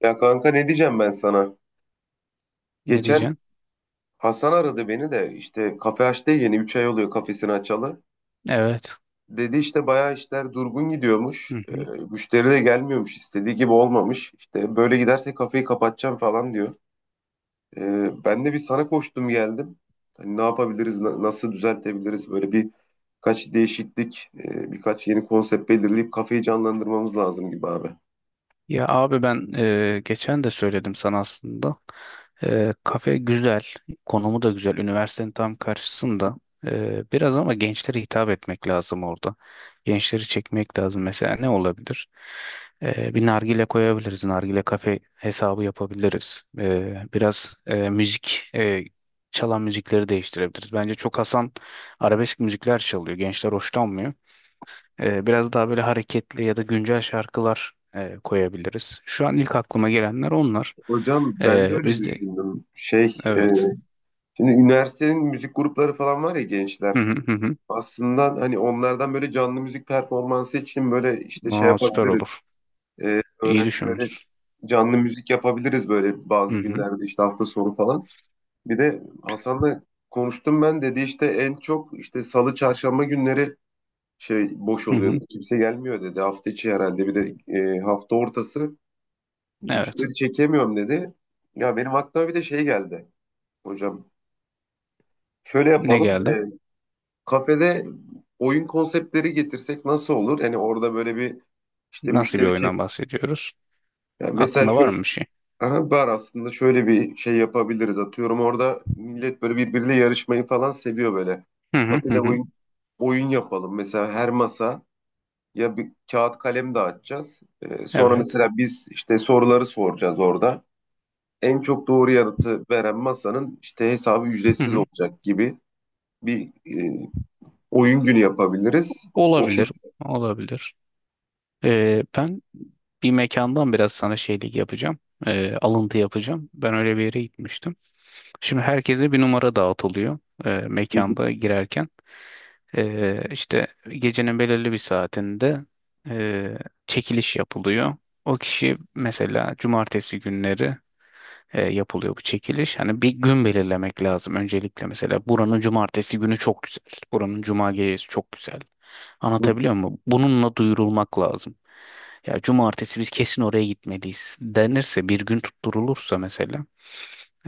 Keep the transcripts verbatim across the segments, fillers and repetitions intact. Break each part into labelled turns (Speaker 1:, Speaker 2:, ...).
Speaker 1: Ya kanka ne diyeceğim ben sana?
Speaker 2: Ne
Speaker 1: Geçen
Speaker 2: diyeceksin?
Speaker 1: Hasan aradı beni de işte kafe açtı ya yeni üç ay oluyor kafesini açalı.
Speaker 2: Evet.
Speaker 1: Dedi işte bayağı işler durgun
Speaker 2: Hı
Speaker 1: gidiyormuş. Ee,
Speaker 2: hı.
Speaker 1: müşteri de gelmiyormuş istediği gibi olmamış. İşte böyle giderse kafeyi kapatacağım falan diyor. Ee, ben de bir sana koştum geldim. Hani ne yapabiliriz, na- nasıl düzeltebiliriz? Böyle bir kaç değişiklik, e, birkaç yeni konsept belirleyip kafeyi canlandırmamız lazım gibi abi.
Speaker 2: Ya abi ben e, geçen de söyledim sana aslında. E, kafe güzel, konumu da güzel. Üniversitenin tam karşısında. E, biraz ama gençlere hitap etmek lazım orada. Gençleri çekmek lazım. Mesela ne olabilir? E, bir nargile koyabiliriz. Nargile kafe hesabı yapabiliriz. E, biraz e, müzik, e, çalan müzikleri değiştirebiliriz. Bence çok Hasan arabesk müzikler çalıyor. Gençler hoşlanmıyor. Ee, biraz daha böyle hareketli ya da güncel şarkılar e, koyabiliriz. Şu an ilk aklıma gelenler onlar.
Speaker 1: Hocam ben de
Speaker 2: Ee,
Speaker 1: öyle
Speaker 2: biz de
Speaker 1: düşündüm. Şey, e,
Speaker 2: evet.
Speaker 1: Şimdi üniversitenin müzik grupları falan var ya gençler.
Speaker 2: Hı hı hı hı.
Speaker 1: Aslında hani onlardan böyle canlı müzik performansı için böyle işte şey
Speaker 2: Aa, süper
Speaker 1: yapabiliriz.
Speaker 2: olur.
Speaker 1: Ee,
Speaker 2: İyi
Speaker 1: öğrencilere
Speaker 2: düşünmüşsün.
Speaker 1: canlı müzik yapabiliriz böyle
Speaker 2: Hı
Speaker 1: bazı
Speaker 2: hı
Speaker 1: günlerde işte hafta sonu falan. Bir de Hasan'la konuştum ben dedi işte en çok işte salı çarşamba günleri şey boş
Speaker 2: hı
Speaker 1: oluyor
Speaker 2: hı.
Speaker 1: dedi. Kimse gelmiyor dedi. Hafta içi herhalde bir de e, hafta ortası
Speaker 2: Evet.
Speaker 1: müşteri çekemiyorum dedi. Ya benim aklıma bir de şey geldi hocam. Şöyle
Speaker 2: Ne
Speaker 1: yapalım.
Speaker 2: geldi?
Speaker 1: Kafede oyun konseptleri getirsek nasıl olur? Yani orada böyle bir işte
Speaker 2: Nasıl bir
Speaker 1: müşteri çek.
Speaker 2: oyundan bahsediyoruz?
Speaker 1: Yani mesela
Speaker 2: Aklında var
Speaker 1: şu
Speaker 2: mı bir şey?
Speaker 1: aha, bar aslında şöyle bir şey yapabiliriz. Atıyorum orada millet böyle birbiriyle yarışmayı falan seviyor böyle.
Speaker 2: Hı hı hı
Speaker 1: Kafede
Speaker 2: hı.
Speaker 1: oyun oyun yapalım. Mesela her masa ya bir kağıt kalem dağıtacağız. Ee, sonra
Speaker 2: Evet.
Speaker 1: mesela biz işte soruları soracağız orada. En çok doğru yanıtı veren masanın işte hesabı
Speaker 2: Hı
Speaker 1: ücretsiz
Speaker 2: hı.
Speaker 1: olacak gibi bir e, oyun günü yapabiliriz. O
Speaker 2: Olabilir. Olabilir. Ee, ben bir mekandan biraz sana şeylik yapacağım. Ee, alıntı yapacağım. Ben öyle bir yere gitmiştim. Şimdi herkese bir numara dağıtılıyor e,
Speaker 1: şekilde.
Speaker 2: mekanda girerken. E, işte gecenin belirli bir saatinde e, çekiliş yapılıyor. O kişi mesela cumartesi günleri e, yapılıyor bu çekiliş. Hani bir gün belirlemek lazım öncelikle, mesela buranın cumartesi günü çok güzel. Buranın cuma gecesi çok güzel. Anlatabiliyor muyum? Bununla duyurulmak lazım. Ya cumartesi biz kesin oraya gitmeliyiz denirse, bir gün tutturulursa mesela,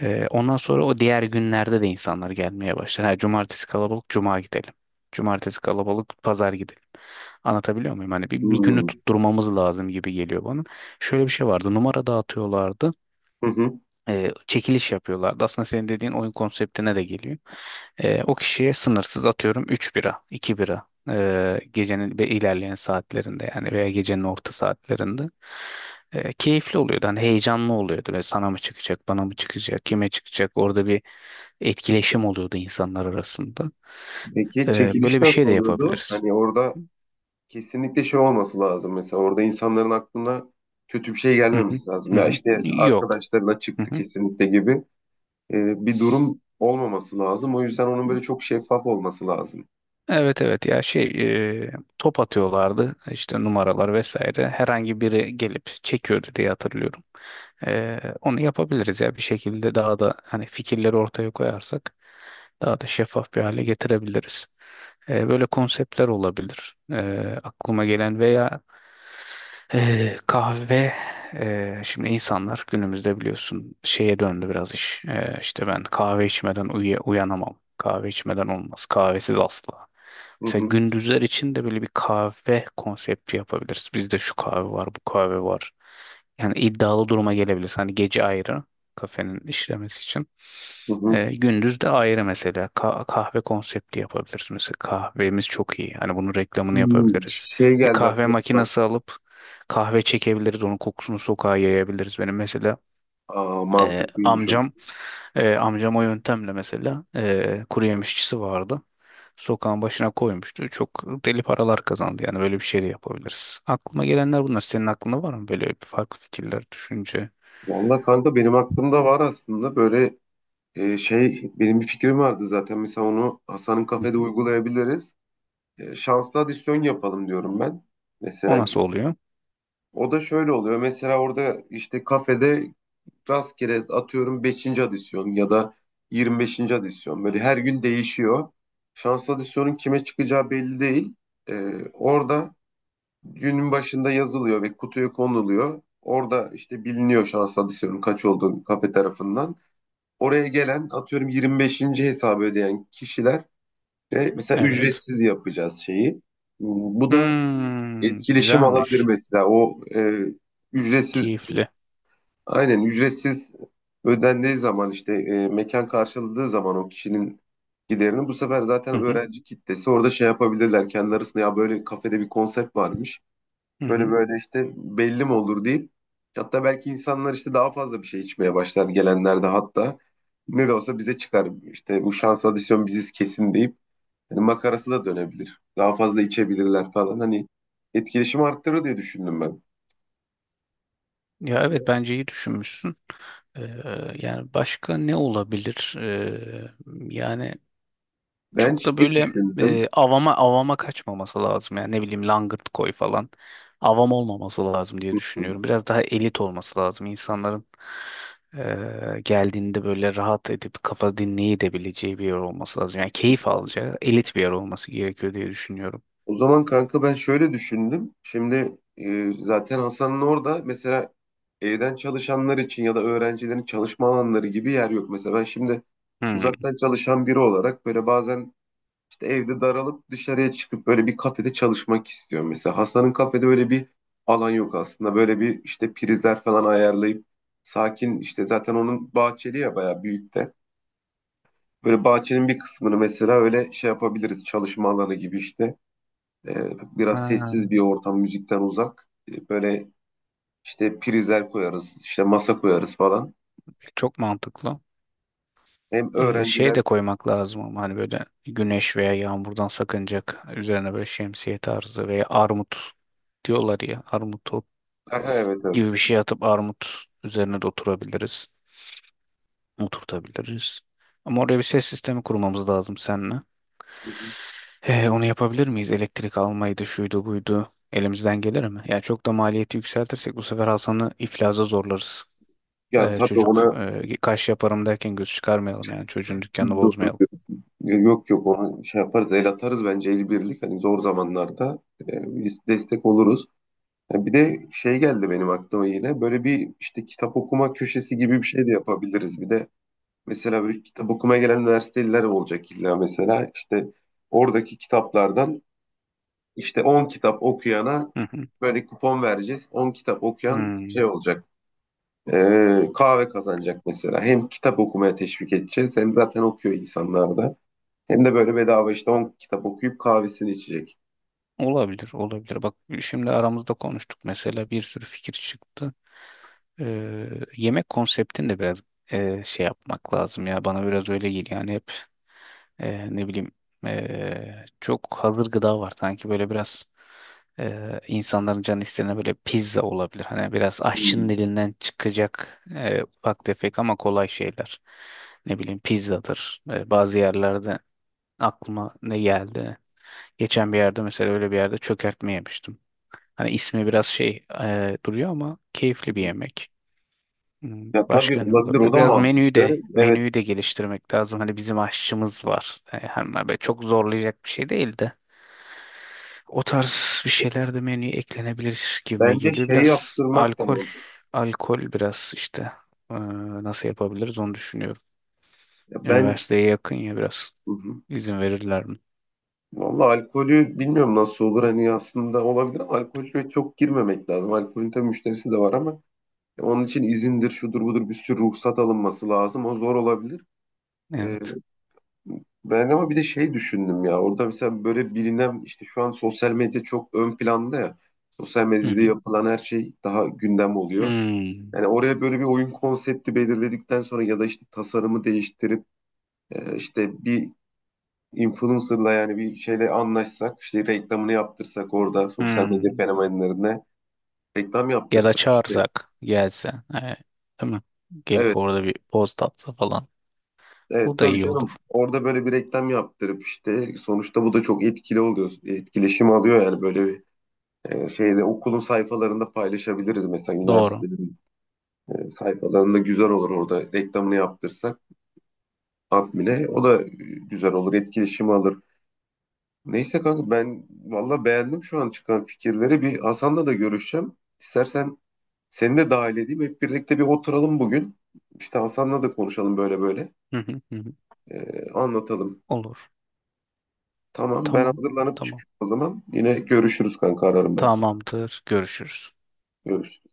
Speaker 2: ee, ondan sonra o diğer günlerde de insanlar gelmeye başlar. Ha, cumartesi kalabalık, cuma gidelim. Cumartesi kalabalık, pazar gidelim. Anlatabiliyor muyum? Hani bir, bir günü
Speaker 1: Hmm.
Speaker 2: tutturmamız lazım gibi geliyor bana. Şöyle bir şey vardı. Numara dağıtıyorlardı,
Speaker 1: Hı hı.
Speaker 2: e, çekiliş yapıyorlardı. Aslında senin dediğin oyun konseptine de geliyor. E, o kişiye sınırsız atıyorum üç bira, iki bira e, gecenin ve ilerleyen saatlerinde, yani veya gecenin orta saatlerinde. E, keyifli oluyordu. Hani heyecanlı oluyordu. Ve sana mı çıkacak, bana mı çıkacak, kime çıkacak? Orada bir etkileşim oluyordu insanlar arasında.
Speaker 1: Peki
Speaker 2: E,
Speaker 1: çekiliş
Speaker 2: böyle bir şey
Speaker 1: nasıl
Speaker 2: de
Speaker 1: oluyordu?
Speaker 2: yapabiliriz.
Speaker 1: Hani orada kesinlikle şey olması lazım. Mesela orada insanların aklına kötü bir şey
Speaker 2: Hı hı,
Speaker 1: gelmemesi
Speaker 2: hı
Speaker 1: lazım. Ya
Speaker 2: hı.
Speaker 1: işte
Speaker 2: Yok.
Speaker 1: arkadaşlarına
Speaker 2: Hı
Speaker 1: çıktı
Speaker 2: hı.
Speaker 1: kesinlikle gibi e, bir durum olmaması lazım. O yüzden onun böyle çok şeffaf olması lazım.
Speaker 2: Evet, evet, ya şey e, top atıyorlardı işte, numaralar vesaire, herhangi biri gelip çekiyordu diye hatırlıyorum. E, onu yapabiliriz ya, bir şekilde daha da hani fikirleri ortaya koyarsak daha da şeffaf bir hale getirebiliriz. E, böyle konseptler olabilir, e, aklıma gelen veya ee, kahve. E, şimdi insanlar günümüzde biliyorsun şeye döndü biraz iş. Ee, işte ben kahve içmeden uya- uyanamam. Kahve içmeden olmaz. Kahvesiz asla.
Speaker 1: Hı
Speaker 2: Mesela
Speaker 1: hı.
Speaker 2: gündüzler için de böyle bir kahve konsepti yapabiliriz. Bizde şu kahve var, bu kahve var. Yani iddialı duruma gelebiliriz. Hani gece ayrı kafenin işlemesi için.
Speaker 1: Hı hı.
Speaker 2: Ee, gündüz de ayrı, mesela Ka- kahve konsepti yapabiliriz. Mesela kahvemiz çok iyi. Hani bunun reklamını
Speaker 1: Hmm,
Speaker 2: yapabiliriz.
Speaker 1: Şey
Speaker 2: Bir
Speaker 1: geldi
Speaker 2: kahve
Speaker 1: aklıma bak.
Speaker 2: makinesi alıp kahve çekebiliriz. Onun kokusunu sokağa yayabiliriz. Benim mesela
Speaker 1: Aa,
Speaker 2: e,
Speaker 1: mantıklıymış o.
Speaker 2: amcam, e, amcam o yöntemle, mesela, e, kuru yemişçisi vardı. Sokağın başına koymuştu. Çok deli paralar kazandı. Yani böyle bir şey de yapabiliriz. Aklıma gelenler bunlar. Senin aklında var mı böyle bir farklı fikirler, düşünce?
Speaker 1: Valla kanka benim aklımda var aslında böyle e, şey benim bir fikrim vardı zaten. Mesela onu Hasan'ın
Speaker 2: Hı
Speaker 1: kafede
Speaker 2: hı.
Speaker 1: uygulayabiliriz. E, şanslı adisyon yapalım diyorum ben.
Speaker 2: O
Speaker 1: Mesela
Speaker 2: nasıl oluyor?
Speaker 1: o da şöyle oluyor. Mesela orada işte kafede rastgele atıyorum beşinci adisyon ya da yirmi beşinci adisyon. Böyle her gün değişiyor. Şanslı adisyonun kime çıkacağı belli değil. Ee, orada günün başında yazılıyor ve kutuya konuluyor. Orada işte biliniyor şanslı adisyonun kaç olduğu kafe tarafından. Oraya gelen atıyorum yirmi beşinci hesabı ödeyen kişiler ve mesela
Speaker 2: Evet.
Speaker 1: ücretsiz yapacağız şeyi. Bu da
Speaker 2: Hmm,
Speaker 1: etkileşim alabilir
Speaker 2: güzelmiş.
Speaker 1: mesela o e, ücretsiz
Speaker 2: Keyifli.
Speaker 1: aynen ücretsiz ödendiği zaman işte e, mekan karşıladığı zaman o kişinin giderini bu sefer zaten
Speaker 2: Hı hı,
Speaker 1: öğrenci kitlesi orada şey yapabilirler kendi arasında ya böyle kafede bir konsept varmış
Speaker 2: hı
Speaker 1: böyle
Speaker 2: hı.
Speaker 1: böyle işte belli mi olur deyip hatta belki insanlar işte daha fazla bir şey içmeye başlar gelenler de hatta ne de olsa bize çıkar işte bu şans adisyon biziz kesin deyip Hani makarası da dönebilir. Daha fazla içebilirler falan. Hani etkileşim arttırır diye düşündüm ben.
Speaker 2: Ya evet, bence iyi düşünmüşsün. Ee, Yani başka ne olabilir? Ee, yani
Speaker 1: Ben
Speaker 2: çok da
Speaker 1: şey
Speaker 2: böyle
Speaker 1: düşündüm.
Speaker 2: e, avama avama kaçmaması lazım, yani ne bileyim langırt koy falan, avam olmaması lazım diye düşünüyorum. Biraz daha elit olması lazım, insanların e, geldiğinde böyle rahat edip kafa dinleyebileceği bir yer olması lazım. Yani
Speaker 1: O
Speaker 2: keyif
Speaker 1: zaman,
Speaker 2: alacağı elit bir yer olması gerekiyor diye düşünüyorum.
Speaker 1: o zaman kanka ben şöyle düşündüm. Şimdi e, zaten Hasan'ın orada mesela evden çalışanlar için ya da öğrencilerin çalışma alanları gibi yer yok. Mesela ben şimdi
Speaker 2: Hmm.
Speaker 1: uzaktan çalışan biri olarak böyle bazen İşte evde daralıp dışarıya çıkıp böyle bir kafede çalışmak istiyorum. Mesela Hasan'ın kafede öyle bir alan yok aslında. Böyle bir işte prizler falan ayarlayıp sakin işte zaten onun bahçeli ya bayağı büyük de. Böyle bahçenin bir kısmını mesela öyle şey yapabiliriz çalışma alanı gibi işte. Ee, biraz
Speaker 2: Ha,
Speaker 1: sessiz bir ortam müzikten uzak. Ee, böyle işte prizler koyarız işte masa koyarız falan.
Speaker 2: çok mantıklı.
Speaker 1: Hem
Speaker 2: Ee, şey
Speaker 1: öğrenciler.
Speaker 2: de koymak lazım ama, hani böyle güneş veya yağmurdan sakınacak üzerine, böyle şemsiye tarzı veya armut diyorlar ya, armut
Speaker 1: Aha, evet evet.
Speaker 2: gibi bir şey atıp armut üzerine de oturabiliriz. Oturtabiliriz. Ama oraya bir ses sistemi kurmamız lazım seninle. He, onu yapabilir miyiz? Elektrik almaydı, şuydu, buydu. Elimizden gelir mi? Yani çok da maliyeti yükseltirsek bu sefer Hasan'ı iflaza zorlarız.
Speaker 1: Ya
Speaker 2: Ee,
Speaker 1: tabii
Speaker 2: çocuk,
Speaker 1: ona.
Speaker 2: e, kaş yaparım derken göz çıkarmayalım, yani çocuğun dükkanını
Speaker 1: Doğru
Speaker 2: bozmayalım.
Speaker 1: diyorsun. Yok yok ona şey yaparız el atarız bence el birlik hani zor zamanlarda e, biz destek oluruz. Ya bir de şey geldi benim aklıma yine böyle bir işte kitap okuma köşesi gibi bir şey de yapabiliriz. Bir de mesela böyle kitap okumaya gelen üniversiteliler olacak illa mesela işte oradaki kitaplardan işte on kitap okuyana
Speaker 2: Hı hı.
Speaker 1: böyle kupon vereceğiz. On kitap okuyan
Speaker 2: Hmm.
Speaker 1: şey olacak e, kahve kazanacak mesela. Hem kitap okumaya teşvik edeceğiz hem zaten okuyor insanlar da. Hem de böyle bedava işte on kitap okuyup kahvesini içecek.
Speaker 2: Olabilir, olabilir. Bak, şimdi aramızda konuştuk, mesela bir sürü fikir çıktı. Ee, Yemek konseptini de biraz e, şey yapmak lazım ya, bana biraz öyle geliyor, yani hep e, ne bileyim, e, çok hazır gıda var sanki, böyle biraz e, insanların canı istediğine böyle pizza olabilir, hani biraz
Speaker 1: Hmm.
Speaker 2: aşçının elinden çıkacak e, ufak tefek ama kolay şeyler, ne bileyim pizzadır. E, bazı yerlerde, aklıma ne geldi, geçen bir yerde, mesela öyle bir yerde çökertme yemiştim, hani ismi biraz şey e, duruyor ama keyifli bir yemek. Hmm.
Speaker 1: Ya tabii
Speaker 2: Başka ne
Speaker 1: olabilir o
Speaker 2: olabilir?
Speaker 1: da
Speaker 2: Biraz menüyü
Speaker 1: mantıklı.
Speaker 2: de
Speaker 1: Evet
Speaker 2: menüyü de geliştirmek lazım. Hani bizim aşçımız var. E, hem böyle çok zorlayacak bir şey değil de, o tarz bir şeyler de menüye eklenebilir gibime
Speaker 1: bence
Speaker 2: geliyor.
Speaker 1: şey
Speaker 2: Biraz
Speaker 1: yaptırmak da
Speaker 2: alkol,
Speaker 1: mantıklı.
Speaker 2: alkol biraz işte e, nasıl yapabiliriz onu düşünüyorum.
Speaker 1: Ya ben,
Speaker 2: Üniversiteye yakın ya, biraz
Speaker 1: hı hı.
Speaker 2: izin verirler mi?
Speaker 1: Vallahi alkolü bilmiyorum nasıl olur hani aslında olabilir ama alkolü çok girmemek lazım. Alkolün tabii müşterisi de var ama onun için izindir şudur budur bir sürü ruhsat alınması lazım. O zor olabilir. Ee,
Speaker 2: Evet.
Speaker 1: Ben ama bir de şey düşündüm ya orada mesela böyle bilinen işte şu an sosyal medya çok ön planda ya. Sosyal
Speaker 2: Hı
Speaker 1: medyada
Speaker 2: hı.
Speaker 1: yapılan her şey daha gündem oluyor.
Speaker 2: Hmm.
Speaker 1: Yani oraya böyle bir oyun konsepti belirledikten sonra ya da işte tasarımı değiştirip e, işte bir influencer'la yani bir şeyle anlaşsak işte reklamını yaptırsak orada sosyal medya
Speaker 2: Hmm.
Speaker 1: fenomenlerine reklam
Speaker 2: Ya da
Speaker 1: yaptırsak işte
Speaker 2: çağırsak gelse. E, değil mi? Gelip
Speaker 1: evet
Speaker 2: orada bir poz tatsa falan.
Speaker 1: evet
Speaker 2: Bu da
Speaker 1: tabii
Speaker 2: iyi olur.
Speaker 1: canım orada böyle bir reklam yaptırıp işte sonuçta bu da çok etkili oluyor etkileşim alıyor yani böyle bir E, şeyde okulun sayfalarında paylaşabiliriz mesela
Speaker 2: Doğru.
Speaker 1: üniversitenin e, sayfalarında güzel olur orada reklamını yaptırsak admine o da e, güzel olur etkileşimi alır. Neyse kanka ben valla beğendim şu an çıkan fikirleri bir Hasan'la da görüşeceğim. İstersen seni de dahil edeyim hep birlikte bir oturalım bugün. İşte Hasan'la da konuşalım böyle böyle
Speaker 2: Hı hı hı hı.
Speaker 1: E, anlatalım.
Speaker 2: Olur.
Speaker 1: Tamam ben
Speaker 2: Tamam.
Speaker 1: hazırlanıp
Speaker 2: Tamam.
Speaker 1: çıkıyorum o zaman yine görüşürüz kanka ararım ben seni.
Speaker 2: Tamamdır. Görüşürüz.
Speaker 1: Görüşürüz.